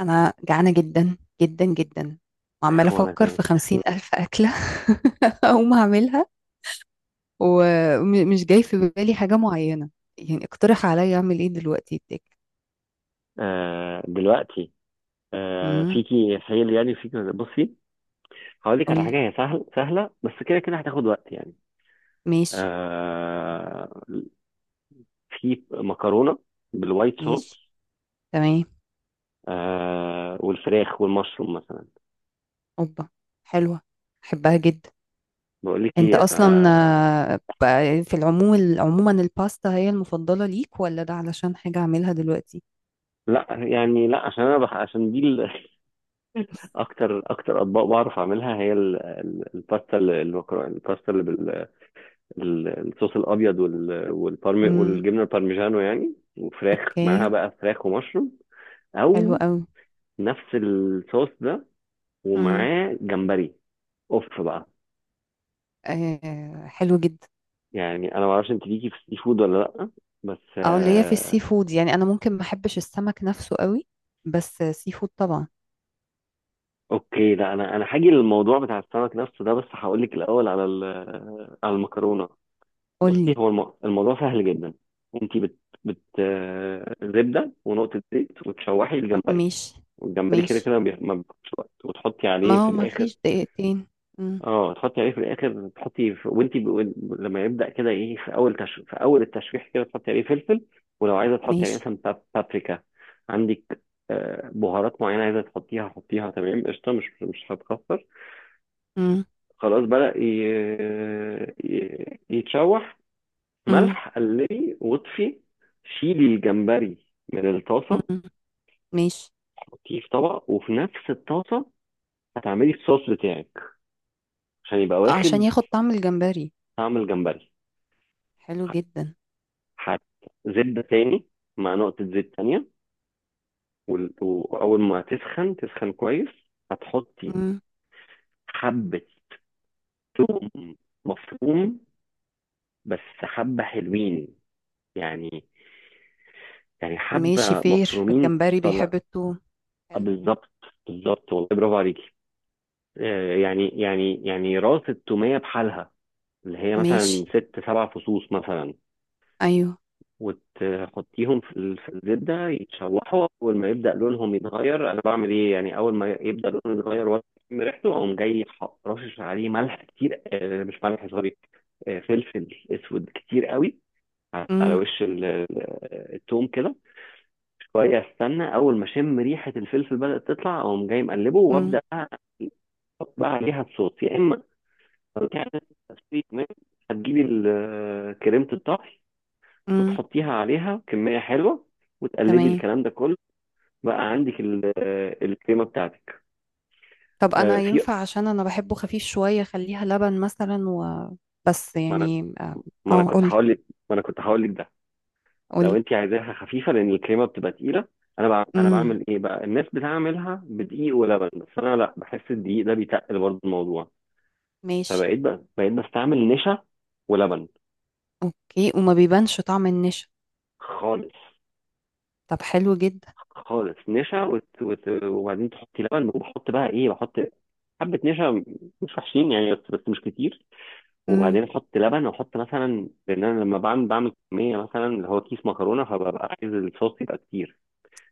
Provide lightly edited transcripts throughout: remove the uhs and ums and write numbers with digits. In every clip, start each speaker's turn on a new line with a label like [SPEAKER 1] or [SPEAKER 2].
[SPEAKER 1] أنا جعانة جدا جدا جدا، وعمالة
[SPEAKER 2] وانا
[SPEAKER 1] أفكر
[SPEAKER 2] كمان
[SPEAKER 1] في 50,000 أكلة. أقوم أعملها ومش جاي في بالي حاجة معينة، يعني اقترح عليا أعمل إيه دلوقتي يديك.
[SPEAKER 2] آه دلوقتي
[SPEAKER 1] امم
[SPEAKER 2] فيكي حيل، يعني فيكي. بصي، هقول لك على حاجه،
[SPEAKER 1] قولي.
[SPEAKER 2] هي سهله بس كده كده هتاخد وقت يعني.
[SPEAKER 1] ماشي.
[SPEAKER 2] آه في مكرونه بالوايت
[SPEAKER 1] ماشي،
[SPEAKER 2] صوص
[SPEAKER 1] تمام.
[SPEAKER 2] والفراخ والمشروم مثلا.
[SPEAKER 1] أوبا، حلوة، أحبها جدا.
[SPEAKER 2] بقول لك
[SPEAKER 1] أنت
[SPEAKER 2] ايه
[SPEAKER 1] أصلا
[SPEAKER 2] آه
[SPEAKER 1] آه، بقى في العموم عموما الباستا هي المفضلة ليك، ولا ده علشان حاجة أعملها دلوقتي؟
[SPEAKER 2] لا، عشان انا بح عشان دي ال- اكتر اطباق بعرف اعملها هي الباستا بال الصوص الابيض والبارم
[SPEAKER 1] امم
[SPEAKER 2] والجبنه البارميجانو يعني، وفراخ معاها،
[SPEAKER 1] اوكي،
[SPEAKER 2] بقى فراخ ومشروم
[SPEAKER 1] حلو
[SPEAKER 2] او
[SPEAKER 1] قوي.
[SPEAKER 2] نفس الصوص ده،
[SPEAKER 1] امم
[SPEAKER 2] ومعاه جمبري. اوف بقى.
[SPEAKER 1] آه، حلو جدا.
[SPEAKER 2] يعني انا ما اعرفش انت ليكي في السي فود ولا لا، بس
[SPEAKER 1] اه، اللي هي في السي فود، يعني انا ممكن ما احبش السمك نفسه قوي، بس سي فود طبعا.
[SPEAKER 2] اوكي. لا انا، هاجي للموضوع بتاع السمك نفسه ده، بس هقول لك الاول على على المكرونه. بصي،
[SPEAKER 1] قولي.
[SPEAKER 2] هو الموضوع سهل جدا. انت بت بت آه، زبده ونقطه زيت وتشوحي الجمبري،
[SPEAKER 1] ماشي.
[SPEAKER 2] والجمبري كده كده
[SPEAKER 1] ماشي،
[SPEAKER 2] ما بياخدش وقت، وتحطي
[SPEAKER 1] ما
[SPEAKER 2] عليه في
[SPEAKER 1] هو ما
[SPEAKER 2] الاخر.
[SPEAKER 1] فيش دقيقتين. مم.
[SPEAKER 2] اه، تحطي عليه في الاخر، تحطي في... وانت ب... وإن- لما يبدا كده ايه، في اول التشويح كده تحطي عليه فلفل، ولو عايزه تحطي عليه
[SPEAKER 1] ماشي.
[SPEAKER 2] مثلا بابريكا عندك، بهارات معينه عايزه تحطيها، حطيها. تمام، قشطه، مش هتكسر.
[SPEAKER 1] مم.
[SPEAKER 2] خلاص بدأ يتشوح،
[SPEAKER 1] مم.
[SPEAKER 2] ملح، قلبي واطفي، شيلي الجمبري من الطاسة،
[SPEAKER 1] مم. ماشي.
[SPEAKER 2] حطيه في طبق. وفي نفس الطاسة هتعملي الصوص بتاعك، عشان يبقى
[SPEAKER 1] عشان
[SPEAKER 2] واخد
[SPEAKER 1] ياخد طعم الجمبري.
[SPEAKER 2] طعم الجمبري.
[SPEAKER 1] حلو
[SPEAKER 2] ح-
[SPEAKER 1] جدا.
[SPEAKER 2] هتزبدة تاني مع نقطة زيت تانية، وأول ما تسخن، تسخن كويس، هتحطي
[SPEAKER 1] مم.
[SPEAKER 2] حبة ثوم مفروم. بس حبة حلوين يعني،
[SPEAKER 1] ماشي،
[SPEAKER 2] حبة
[SPEAKER 1] فير
[SPEAKER 2] مفرومين
[SPEAKER 1] الجمبري
[SPEAKER 2] طلع.
[SPEAKER 1] بيحب التوم. حلو.
[SPEAKER 2] بالظبط، بالظبط والله، برافو عليكي. يعني راس التومية بحالها، اللي هي
[SPEAKER 1] ماشي.
[SPEAKER 2] مثلا ست سبع فصوص مثلا،
[SPEAKER 1] ايوه.
[SPEAKER 2] وتحطيهم في الزبدة يتشوحوا. أول ما يبدأ لونهم يتغير، أنا بعمل إيه يعني؟ أول ما يبدأ لونه يتغير وأشم ريحته، أقوم جاي رشش عليه ملح كتير، مش ملح سوري، فلفل أسود كتير قوي على
[SPEAKER 1] مم.
[SPEAKER 2] وش التوم كده. شوية، استنى، أول ما أشم ريحة الفلفل بدأت تطلع، أقوم جاي مقلبه
[SPEAKER 1] مم.
[SPEAKER 2] وأبدأ بقى احط بقى عليها الصوص. يا اما تعمل تسويت، ماشي، هتجيبي كريمة الطهي
[SPEAKER 1] مم.
[SPEAKER 2] وتحطيها عليها كمية حلوة، وتقلبي
[SPEAKER 1] تمام.
[SPEAKER 2] الكلام ده كله. بقى عندك الكريمة بتاعتك.
[SPEAKER 1] طب
[SPEAKER 2] آه،
[SPEAKER 1] انا
[SPEAKER 2] في
[SPEAKER 1] ينفع عشان انا بحبه خفيف شوية، خليها لبن مثلا و بس
[SPEAKER 2] ما انا
[SPEAKER 1] يعني
[SPEAKER 2] ما انا
[SPEAKER 1] آه،
[SPEAKER 2] كنت
[SPEAKER 1] قولي.
[SPEAKER 2] هقول لك ما انا كنت هقول لك ده لو
[SPEAKER 1] قولي.
[SPEAKER 2] انت عايزاها خفيفة، لان الكريمة بتبقى تقيلة. انا
[SPEAKER 1] امم
[SPEAKER 2] بعمل ايه بقى، الناس بتعملها بدقيق ولبن، بس انا لا، بحس الدقيق ده بيتقل برضه الموضوع.
[SPEAKER 1] ماشي.
[SPEAKER 2] فبقيت بقى بقيت بستعمل نشا ولبن.
[SPEAKER 1] اوكي، وما بيبانش طعم النشا؟
[SPEAKER 2] خالص،
[SPEAKER 1] طب حلو جدا.
[SPEAKER 2] خالص نشا وبعدين تحطي لبن. وبحط بقى ايه، بحط حبه نشا، مش وحشين يعني، بس مش كتير.
[SPEAKER 1] امم
[SPEAKER 2] وبعدين احط لبن، واحط مثلا، لان انا لما بعمل كميه، مثلا اللي هو كيس مكرونه، فببقى عايز الصوص يبقى كتير.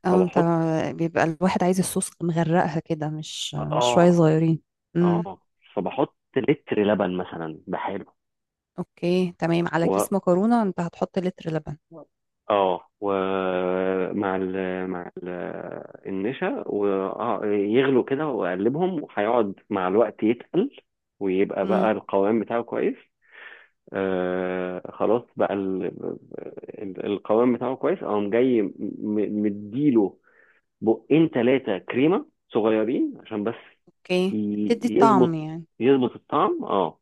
[SPEAKER 1] اه انت،
[SPEAKER 2] فبحط
[SPEAKER 1] بيبقى الواحد عايز الصوص مغرقها كده، مش شوية
[SPEAKER 2] اه
[SPEAKER 1] صغيرين. امم
[SPEAKER 2] اه فبحط لتر لبن مثلا بحاله.
[SPEAKER 1] اوكي، تمام. على كيس مكرونة انت هتحط لتر لبن؟
[SPEAKER 2] اه، ومع ال مع ال النشا، ويغلوا كده واقلبهم، وهيقعد مع الوقت يتقل ويبقى بقى
[SPEAKER 1] امم
[SPEAKER 2] القوام بتاعه كويس. خلاص بقى القوام بتاعه كويس، اقوم جاي مديله بقين ثلاثة كريمة صغيرين عشان بس
[SPEAKER 1] اوكي، تدي الطعم
[SPEAKER 2] يظبط،
[SPEAKER 1] يعني.
[SPEAKER 2] يظبط الطعم اه.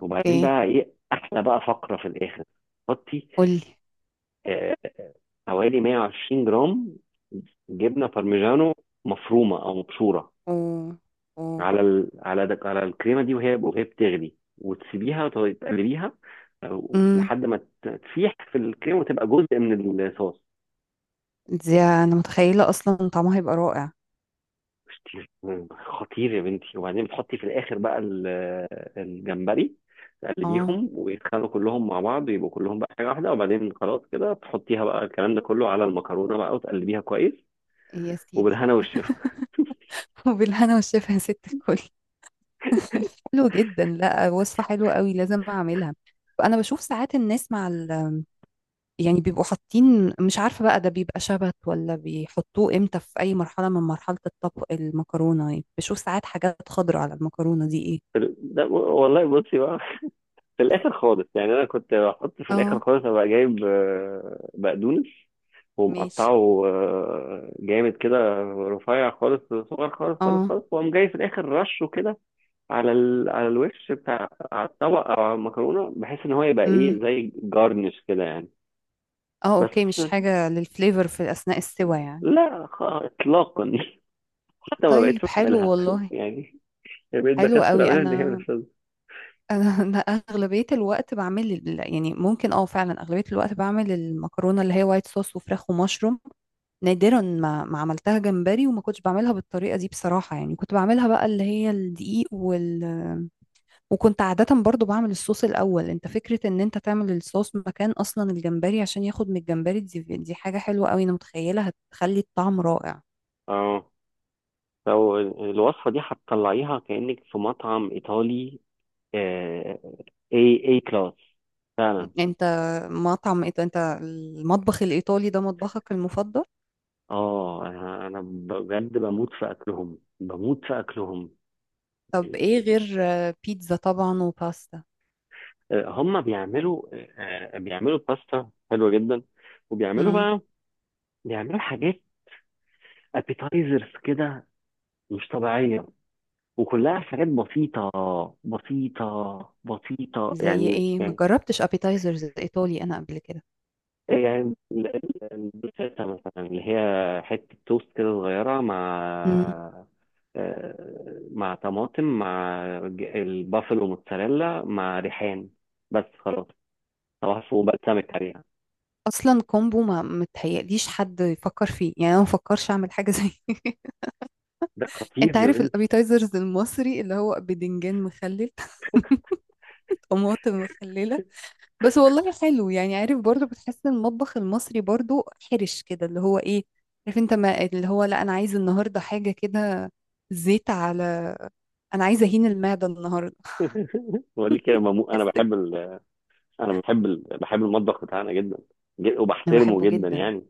[SPEAKER 2] وبعدين بقى ايه، احلى بقى فقرة في الاخر. حطي
[SPEAKER 1] قولي.
[SPEAKER 2] آه، حوالي 120 جرام جبنه بارميجانو مفرومه او مبشوره
[SPEAKER 1] و و
[SPEAKER 2] على الكريمه دي، وهي وهي بتغلي، وتسيبيها وتقلبيها أو
[SPEAKER 1] امم
[SPEAKER 2] لحد ما تسيح في الكريمه وتبقى جزء من الصوص.
[SPEAKER 1] دي انا متخيلة اصلا طعمها هيبقى رائع.
[SPEAKER 2] خطير، خطير يا بنتي. وبعدين بتحطي في الاخر بقى الجمبري،
[SPEAKER 1] اه،
[SPEAKER 2] تقلبيهم ويتخلوا كلهم مع بعض ويبقوا كلهم بقى حاجه واحده، وبعدين خلاص كده تحطيها بقى الكلام ده كله على المكرونه بقى وتقلبيها كويس،
[SPEAKER 1] يا سيدي.
[SPEAKER 2] وبالهنا والشفا.
[SPEAKER 1] وبالهنا والشفا يا ست الكل. حلو جدا، لا وصفة حلوة قوي، لازم اعملها. فانا بشوف ساعات الناس مع ال... يعني بيبقوا حاطين مش عارفة بقى، ده بيبقى شبت ولا بيحطوه امتى، في اي مرحلة من مرحلة الطبخ المكرونة، يعني بشوف ساعات حاجات خضراء على المكرونة، دي ايه؟
[SPEAKER 2] ده والله، بصي بقى، في الاخر خالص يعني. انا كنت بحط في الاخر
[SPEAKER 1] اه.
[SPEAKER 2] خالص، ابقى جايب بقدونس
[SPEAKER 1] ماشي.
[SPEAKER 2] ومقطعه جامد كده، رفيع، خالص صغير، خالص خالص
[SPEAKER 1] اه.
[SPEAKER 2] خالص واقوم جاي في الاخر رشه كده على الوش بتاع على الطبق، او على المكرونه، بحيث ان هو يبقى
[SPEAKER 1] امم
[SPEAKER 2] ايه زي جارنش كده يعني.
[SPEAKER 1] اه،
[SPEAKER 2] بس
[SPEAKER 1] اوكي، مش حاجة للفليفر في اثناء السوى يعني.
[SPEAKER 2] لا، اطلاقا، حتى ما بقتش
[SPEAKER 1] طيب، حلو
[SPEAKER 2] بعملها
[SPEAKER 1] والله.
[SPEAKER 2] يعني، بقيت
[SPEAKER 1] حلو
[SPEAKER 2] بكسر
[SPEAKER 1] قوي.
[SPEAKER 2] اعملها، ان هي
[SPEAKER 1] انا
[SPEAKER 2] مش لازمة.
[SPEAKER 1] انا انا اغلبية الوقت بعمل يعني ممكن اه، فعلا اغلبية الوقت بعمل المكرونة اللي هي وايت صوص وفراخ ومشروم. نادرا ما عملتها جمبري، وما كنتش بعملها بالطريقه دي بصراحه، يعني كنت بعملها بقى اللي هي الدقيق وال... وكنت عاده برضو بعمل الصوص الاول. انت، فكره ان انت تعمل الصوص مكان اصلا الجمبري عشان ياخد من الجمبري، دي حاجه حلوه قوي، انا متخيله هتخلي الطعم رائع.
[SPEAKER 2] اه، فالوصفه دي هتطلعيها كانك في مطعم ايطالي، اي كلاس فعلا.
[SPEAKER 1] انت مطعم انت المطبخ الايطالي ده مطبخك المفضل؟
[SPEAKER 2] اه انا بجد بموت في اكلهم، بموت في اكلهم
[SPEAKER 1] طب ايه
[SPEAKER 2] يعني.
[SPEAKER 1] غير آه، بيتزا طبعا وباستا؟
[SPEAKER 2] هم بيعملوا آه، آه، بيعملوا باستا حلوه جدا، وبيعملوا
[SPEAKER 1] امم
[SPEAKER 2] بقى، بيعملوا حاجات ابيتايزرز كده مش طبيعيه، وكلها حاجات بسيطه، بسيطه بسيطه
[SPEAKER 1] زي
[SPEAKER 2] يعني.
[SPEAKER 1] ايه؟ ما جربتش ابيتايزرز ايطالي انا قبل كده.
[SPEAKER 2] البروتيتا مثلا، اللي هي حتة توست كده صغيرة مع مع طماطم، مع البافلو موتزاريلا مع ريحان. بس خلاص، توحف وبقسمك عليها،
[SPEAKER 1] اصلا كومبو ما متهيأليش حد يفكر فيه، يعني انا ما بفكرش اعمل حاجه زي
[SPEAKER 2] ده خطير
[SPEAKER 1] انت
[SPEAKER 2] يا
[SPEAKER 1] عارف
[SPEAKER 2] بنتي.
[SPEAKER 1] الابيتايزرز المصري اللي هو بدنجان مخلل، طماطم مخلله. بس والله حلو، يعني عارف برضو بتحس إن المطبخ المصري برضو حرش كده، اللي هو ايه، عارف انت، ما اللي هو لا انا عايز النهارده حاجه كده، زيت على، انا عايزه اهين المعده النهارده.
[SPEAKER 2] بقول لك يا مامو، انا
[SPEAKER 1] حسيت.
[SPEAKER 2] بحب بحب المطبخ بتاعنا جدا،
[SPEAKER 1] انا
[SPEAKER 2] وبحترمه
[SPEAKER 1] بحبه
[SPEAKER 2] جدا
[SPEAKER 1] جدا.
[SPEAKER 2] يعني.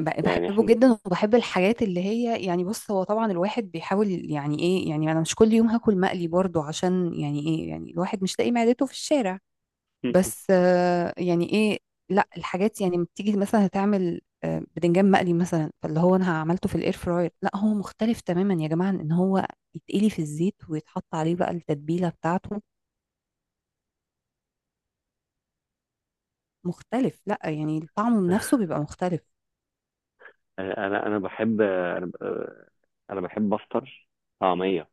[SPEAKER 2] يعني
[SPEAKER 1] بحبه
[SPEAKER 2] احنا
[SPEAKER 1] جدا وبحب الحاجات اللي هي، يعني بص هو طبعا الواحد بيحاول يعني ايه، يعني انا مش كل يوم هاكل مقلي برضو، عشان يعني ايه، يعني الواحد مش لاقي معدته في الشارع. بس آه، يعني ايه، لا الحاجات يعني لما بتيجي مثلا هتعمل آه بدنجان مقلي مثلا، فاللي هو انا عملته في الاير فراير لا هو مختلف تماما يا جماعة عن ان هو يتقلي في الزيت ويتحط عليه بقى التتبيلة بتاعته. مختلف، لا يعني طعمه بنفسه بيبقى مختلف.
[SPEAKER 2] انا انا بحب انا ب- انا بحب افطر طعمية،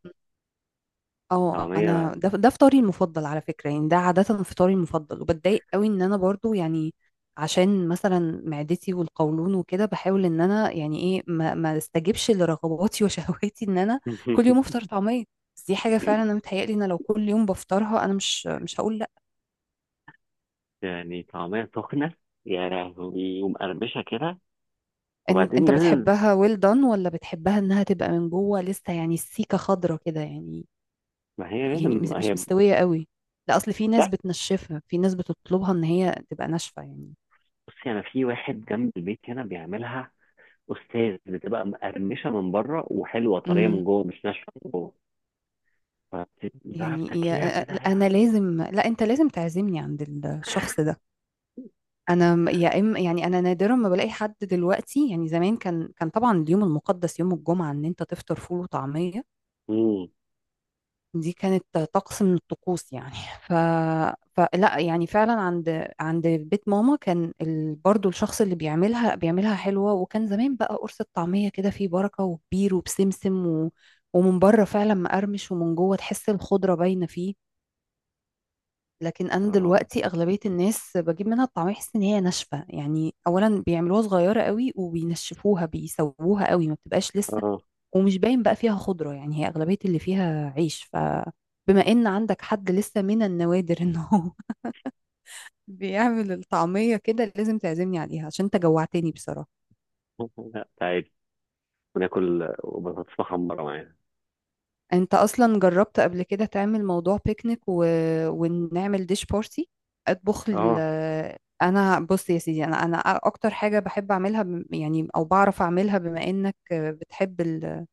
[SPEAKER 1] اه
[SPEAKER 2] طعمية.
[SPEAKER 1] انا، ده فطاري المفضل على فكره يعني، ده عاده فطاري المفضل، وبتضايق قوي ان انا برضو يعني عشان مثلا معدتي والقولون وكده، بحاول ان انا يعني ايه، ما استجبش لرغباتي وشهواتي ان انا كل يوم افطر طعميه. بس دي حاجه فعلا، انا متهيألي ان لو كل يوم بفطرها انا مش هقول لا.
[SPEAKER 2] يعني طعمية سخنة يا لهوي، ومقرمشة كده.
[SPEAKER 1] إن
[SPEAKER 2] وبعدين
[SPEAKER 1] انت
[SPEAKER 2] لازم،
[SPEAKER 1] بتحبها ويل دان، ولا بتحبها انها تبقى من جوه لسه يعني السيكه خضره كده يعني؟
[SPEAKER 2] ما هي
[SPEAKER 1] يعني
[SPEAKER 2] لازم
[SPEAKER 1] مش
[SPEAKER 2] ما
[SPEAKER 1] مش
[SPEAKER 2] هي
[SPEAKER 1] مستويه قوي. لا اصل في
[SPEAKER 2] لا،
[SPEAKER 1] ناس بتنشفها، في ناس بتطلبها ان هي تبقى ناشفه.
[SPEAKER 2] بصي، أنا في واحد جنب البيت هنا بيعملها أستاذ، بتبقى مقرمشة من بره، وحلوة طرية
[SPEAKER 1] يعني،
[SPEAKER 2] من جوه، مش ناشفة من جوه، فبتبقي بقى
[SPEAKER 1] يعني
[SPEAKER 2] بتاكليها
[SPEAKER 1] يا
[SPEAKER 2] كده يا.
[SPEAKER 1] انا لازم، لا انت لازم تعزمني عند الشخص ده. انا يا اما يعني، انا نادرا ما بلاقي حد دلوقتي، يعني زمان كان كان طبعا اليوم المقدس يوم الجمعة ان انت تفطر فول وطعمية.
[SPEAKER 2] امم،
[SPEAKER 1] دي كانت طقس من الطقوس يعني. ف... فلا يعني فعلا عند بيت ماما كان ال... برضو الشخص اللي بيعملها بيعملها حلوة، وكان زمان بقى قرص الطعمية كده فيه بركة وكبير وبسمسم و... ومن بره فعلا مقرمش، ومن جوه تحس الخضرة باينة فيه. لكن انا
[SPEAKER 2] اه،
[SPEAKER 1] دلوقتي اغلبيه الناس بجيب منها الطعميه بحس ان هي ناشفه، يعني اولا بيعملوها صغيره قوي وبينشفوها، بيسووها قوي ما بتبقاش لسه،
[SPEAKER 2] اه،
[SPEAKER 1] ومش باين بقى فيها خضره، يعني هي اغلبيه اللي فيها عيش. فبما ان عندك حد لسه من النوادر انه بيعمل الطعميه كده، لازم تعزمني عليها عشان انت جوعتني بصراحه.
[SPEAKER 2] لا تعالي، وناكل بطاطس محمرة معانا.
[SPEAKER 1] انت اصلا جربت قبل كده تعمل موضوع بيكنيك و... ونعمل ديش بارتي؟ اطبخ ال...
[SPEAKER 2] اه
[SPEAKER 1] انا بص يا سيدي، انا اكتر حاجه بحب اعملها يعني او بعرف اعملها، بما انك بتحب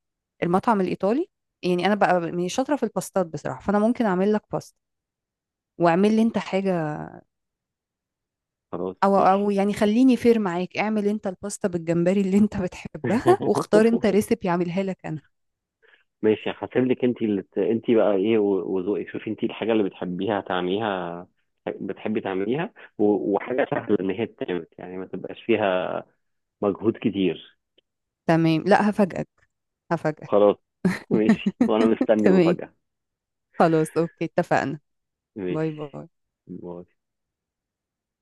[SPEAKER 1] المطعم الايطالي، يعني انا بقى من شاطره في الباستات بصراحه، فانا ممكن اعمل لك باستا واعمل لي انت حاجه.
[SPEAKER 2] خلاص،
[SPEAKER 1] او
[SPEAKER 2] ماشي.
[SPEAKER 1] يعني خليني فير معاك، اعمل انت الباستا بالجمبري اللي انت بتحبها، واختار انت ريسيبي اعملها لك انا.
[SPEAKER 2] ماشي، هسيب لك انت انت بقى ايه وذوقك، شوفي انت الحاجه اللي بتحبيها تعمليها، بتحبي تعمليها، وحاجه سهله ان هي تتعمل، يعني ما تبقاش فيها مجهود كتير.
[SPEAKER 1] تمام، لا هفاجئك. هفاجئك.
[SPEAKER 2] خلاص ماشي، وانا مستني
[SPEAKER 1] تمام،
[SPEAKER 2] مفاجاه.
[SPEAKER 1] خلاص أوكي، اتفقنا. باي
[SPEAKER 2] ماشي،
[SPEAKER 1] باي.
[SPEAKER 2] باي.